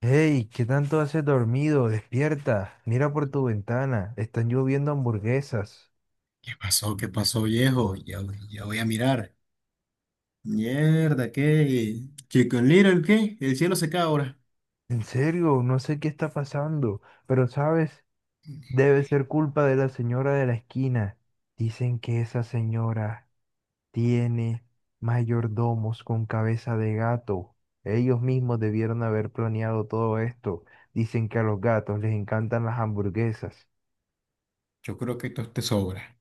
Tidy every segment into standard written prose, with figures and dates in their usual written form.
Hey, ¿qué tanto haces dormido? Despierta, mira por tu ventana, están lloviendo hamburguesas. ¿Qué pasó? ¿Qué pasó, viejo? Ya, ya, voy a mirar. Mierda, ¿qué? Chicken Little, ¿qué? El cielo se cae ahora. En serio, no sé qué está pasando, pero sabes, debe ser culpa de la señora de la esquina. Dicen que esa señora tiene mayordomos con cabeza de gato. Ellos mismos debieron haber planeado todo esto. Dicen que a los gatos les encantan las hamburguesas. Yo creo que esto es te sobra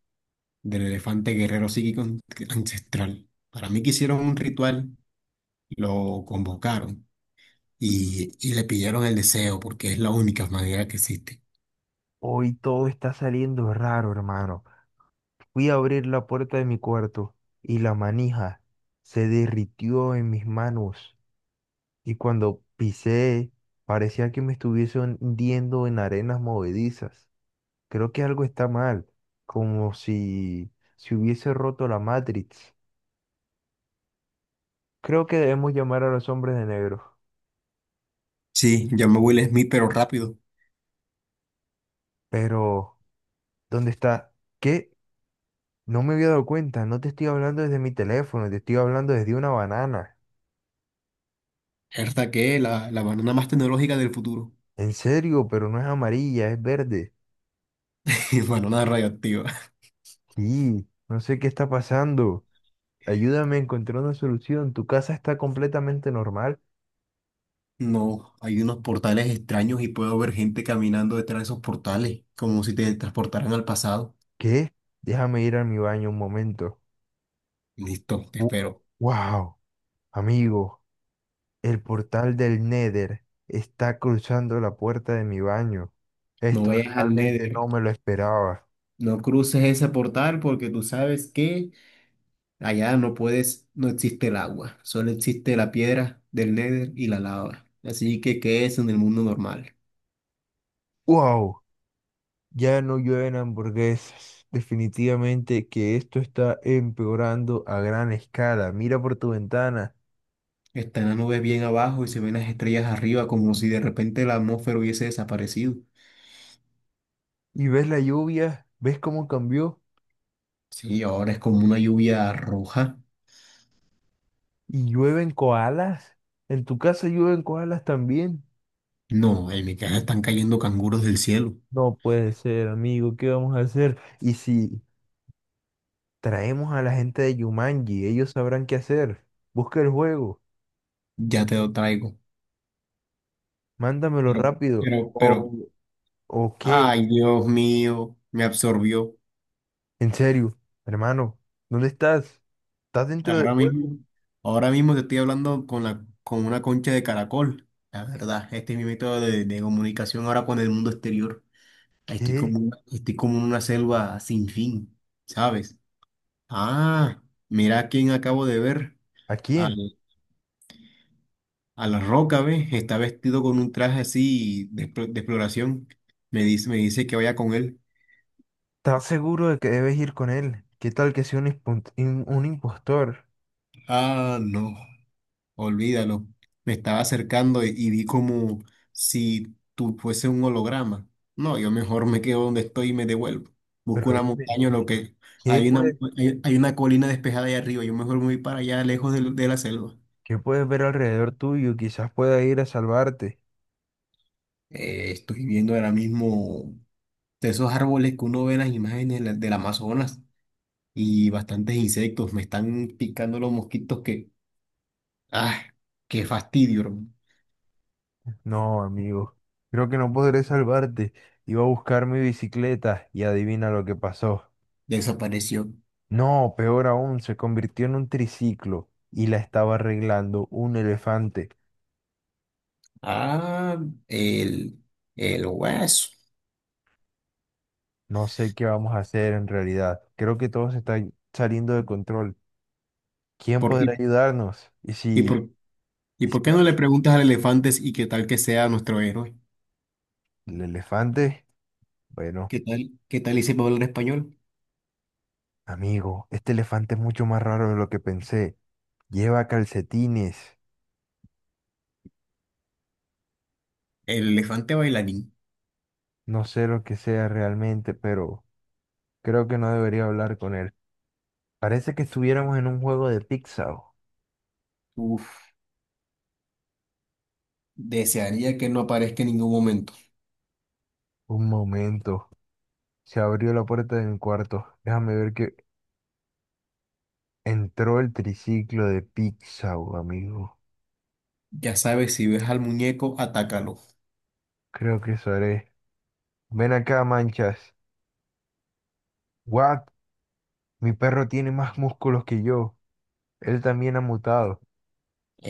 del elefante guerrero psíquico ancestral. Para mí que hicieron un ritual, lo convocaron y le pidieron el deseo porque es la única manera que existe. Hoy todo está saliendo raro, hermano. Fui a abrir la puerta de mi cuarto y la manija se derritió en mis manos y cuando pisé parecía que me estuviese hundiendo en arenas movedizas. Creo que algo está mal, como si se hubiese roto la Matrix. Creo que debemos llamar a los hombres de negro. Sí, llamo a Will Smith, pero rápido. Pero, ¿dónde está? ¿Qué? No me había dado cuenta, no te estoy hablando desde mi teléfono, te estoy hablando desde una banana. Herda que la banana más tecnológica del futuro. En serio, pero no es amarilla, es verde. Banana radioactiva. Sí, no sé qué está pasando. Ayúdame a encontrar una solución. Tu casa está completamente normal. No, hay unos portales extraños y puedo ver gente caminando detrás de esos portales, como si te transportaran al pasado. ¿Qué? Déjame ir a mi baño un momento. Listo, te Wu- espero. wow, amigo, el portal del Nether está cruzando la puerta de mi baño. No Esto vayas al realmente Nether, no me lo esperaba. no cruces ese portal porque tú sabes que allá no puedes, no existe el agua, solo existe la piedra del Nether y la lava. Así que, ¿qué es en el mundo normal? Wow, ya no llueven hamburguesas. Definitivamente que esto está empeorando a gran escala. Mira por tu ventana Están las nubes bien abajo y se ven las estrellas arriba como si de repente la atmósfera hubiese desaparecido. y ves la lluvia, ¿ves cómo cambió? Sí, ahora es como una lluvia roja. ¿Y llueven koalas? ¿En tu casa llueven koalas también? No, en mi casa están cayendo canguros del cielo. No puede ser, amigo, ¿qué vamos a hacer? ¿Y si traemos a la gente de Yumanji? Ellos sabrán qué hacer. Busca el juego, Ya te lo traigo. mándamelo Pero, rápido. pero, pero, O qué? ay, Dios mío, me absorbió. En serio, hermano, ¿dónde estás? ¿Estás dentro del Ahora juego? mismo, ahora mismo te estoy hablando con con una concha de caracol. La verdad, este es mi método de comunicación ahora con el mundo exterior. Estoy ¿Qué? como, estoy como en una selva sin fin, ¿sabes? Ah, mira a quién acabo de ver. ¿A quién? A la roca, ¿ves? Está vestido con un traje así de, de exploración. Me dice que vaya con él. ¿Estás seguro de que debes ir con él? ¿Qué tal que sea un, impun- un impostor? Ah, no, olvídalo. Me estaba acercando y vi como si tú fuese un holograma. No, yo mejor me quedo donde estoy y me devuelvo. Busco Pero una dime, montaña, lo que ¿qué hay una, puedes, hay una colina despejada ahí arriba. Yo mejor me voy para allá, lejos de la selva. qué puedes ver alrededor tuyo? Quizás pueda ir a salvarte. Estoy viendo ahora mismo de esos árboles que uno ve en las imágenes de del Amazonas. Y bastantes insectos. Me están picando los mosquitos que, ah, qué fastidio, hermano. No, amigo, creo que no podré salvarte. Iba a buscar mi bicicleta y adivina lo que pasó. Desapareció. No, peor aún, se convirtió en un triciclo y la estaba arreglando un elefante. Ah, el, el hueso. No sé qué vamos a hacer en realidad. Creo que todo se está saliendo de control. ¿Quién ¿Por, podrá ayudarnos? Y por, ¿y Y si por qué no le llama preguntas al elefante y qué tal que sea nuestro héroe? el elefante? Bueno, ¿Qué tal y sepa hablar español? amigo, este elefante es mucho más raro de lo que pensé. Lleva calcetines. El elefante bailarín. No sé lo que sea realmente, pero... Creo que no debería hablar con él. Parece que estuviéramos en un juego de Pixar. Uf, desearía que no aparezca en ningún momento. Un momento. Se abrió la puerta de mi cuarto. Déjame ver que entró el triciclo de Pixar, amigo. Ya sabes, si ves al muñeco, atácalo. Creo que eso haré. Ven acá, manchas. What? Mi perro tiene más músculos que yo. Él también ha mutado.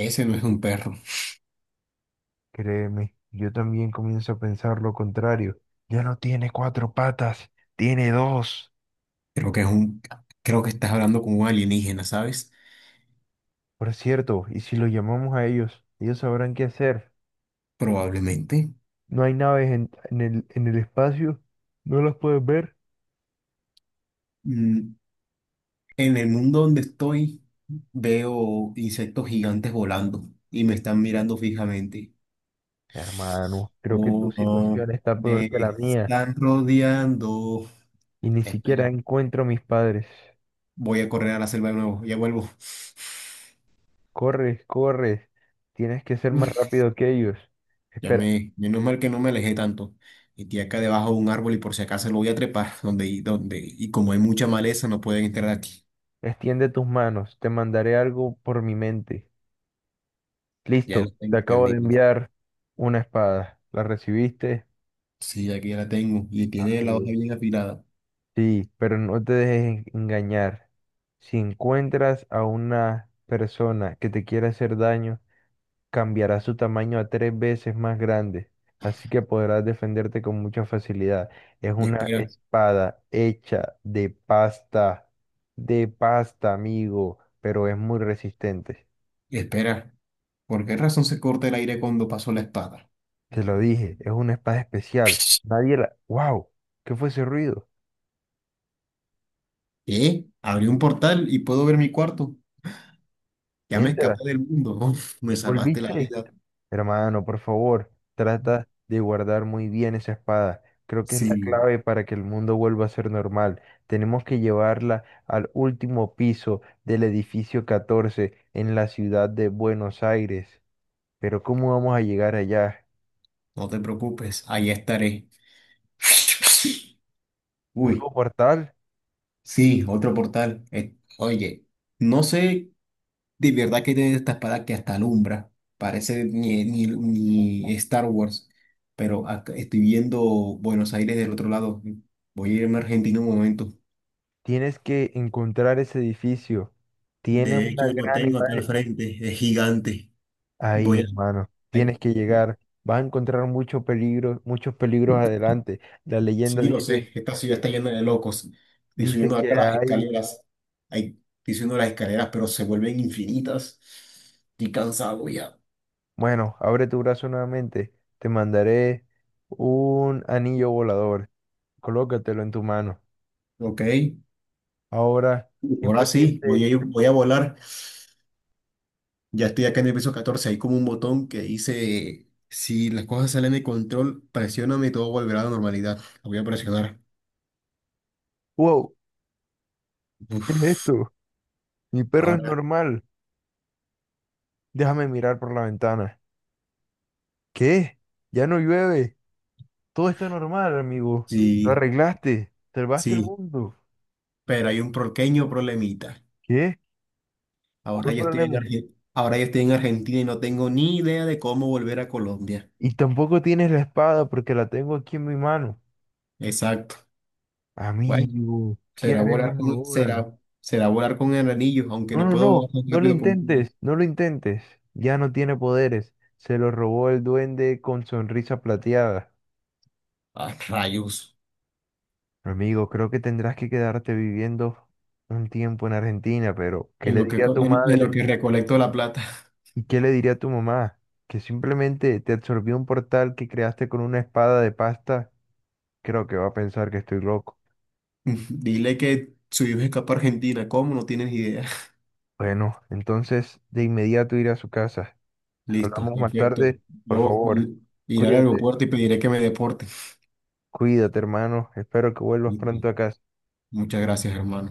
Ese no es un perro. Créeme, yo también comienzo a pensar lo contrario. Ya no tiene cuatro patas, tiene dos. Creo que es un, creo que estás hablando con un alienígena, ¿sabes? Por cierto, ¿y si lo llamamos a ellos? Ellos sabrán qué hacer. Probablemente. No hay naves en el espacio, no las puedes ver. Mm, en el mundo donde estoy, veo insectos gigantes volando y me están mirando fijamente. Hermano, creo que tu Oh, no, situación está peor me que la mía están rodeando. y ni siquiera Espera, encuentro a mis padres. voy a correr a la selva de nuevo, ya vuelvo. Corres, corres, tienes que ser más Uf, rápido que ellos. Espera, menos mal que no me alejé tanto. Metí acá debajo de un árbol y por si acaso lo voy a trepar, y como hay mucha maleza, no pueden entrar aquí. extiende tus manos, te mandaré algo por mi mente. Ya Listo, lo te tengo acabo de entendido. enviar una espada. ¿La recibiste? Sí, aquí ya la tengo y tiene la hoja Amigo. bien afilada. Sí, pero no te dejes engañar. Si encuentras a una persona que te quiere hacer daño, cambiará su tamaño a tres veces más grande, así que podrás defenderte con mucha facilidad. Es Y una espera, espada hecha de pasta, amigo, pero es muy resistente. y espera. ¿Por qué razón se corta el aire cuando paso la espada? Te lo dije, es una espada especial. Nadie la... ¡Wow! ¿Qué fue ese ruido? ¿Qué? Abrí un portal y puedo ver mi cuarto. Ya me Entra, escapé del mundo. Uf, me salvaste la ¿volviste? vida. Hermano, por favor, trata de guardar muy bien esa espada. Creo que es la Sí, clave para que el mundo vuelva a ser normal. Tenemos que llevarla al último piso del edificio 14 en la ciudad de Buenos Aires. Pero ¿cómo vamos a llegar allá? no te preocupes. Ahí estaré. Nuevo Uy, portal, sí, otro portal. Oye, no sé de verdad qué tiene esta espada que hasta alumbra. Parece ni Star Wars. Pero acá estoy viendo Buenos Aires del otro lado. Voy a irme a Argentina un momento. tienes que encontrar ese edificio. Tiene De hecho, una lo gran tengo acá al imagen. frente, es gigante. Ahí, Voy a... hermano, tienes ay, que llegar. Vas a encontrar mucho peligro, muchos peligros adelante. La leyenda sí, lo dice sé, esta ciudad que está llena de locos. Estoy dice subiendo que acá las hay. escaleras. Ay, estoy subiendo las escaleras, pero se vuelven infinitas. Estoy cansado ya. Bueno, abre tu brazo nuevamente. Te mandaré un anillo volador. Colócatelo en tu mano. Ok, Ahora, ahora sí, simplemente. Voy a volar. Ya estoy acá en el piso 14. Hay como un botón que dice, si las cosas salen de control, presióname y todo volverá a la normalidad. Lo voy a presionar. ¡Wow! ¿Qué es Uf, esto? Mi perro es ahora normal. Déjame mirar por la ventana. ¿Qué? Ya no llueve. Todo está normal, amigo. Lo sí, arreglaste. Salvaste el sí, mundo. pero hay un pequeño problemita. ¿Qué? ¿Cuál problema? Ahora yo estoy en Argentina y no tengo ni idea de cómo volver a Colombia. Y tampoco tienes la espada porque la tengo aquí en mi mano. Exacto. Bueno, Amigo, ¿qué haremos ahora? Será volar con el anillo, aunque No, no no, puedo no, volar tan no lo rápido como un niño. intentes, no lo intentes. Ya no tiene poderes. Se lo robó el duende con sonrisa plateada. Ah, rayos. Amigo, creo que tendrás que quedarte viviendo un tiempo en Argentina, pero ¿qué le diría a tu En lo madre? que recolecto la plata. ¿Y qué le diría a tu mamá? Que simplemente te absorbió un portal que creaste con una espada de pasta. Creo que va a pensar que estoy loco. Dile que su hijo escapa a Argentina. ¿Cómo? No tienes idea. Bueno, entonces de inmediato ir a su casa. Listo, Hablamos más perfecto. tarde, por Yo favor. Iré al Cuídate, aeropuerto y pediré que me deporten. cuídate, hermano. Espero que vuelvas Listo. pronto a casa. Muchas gracias, hermano.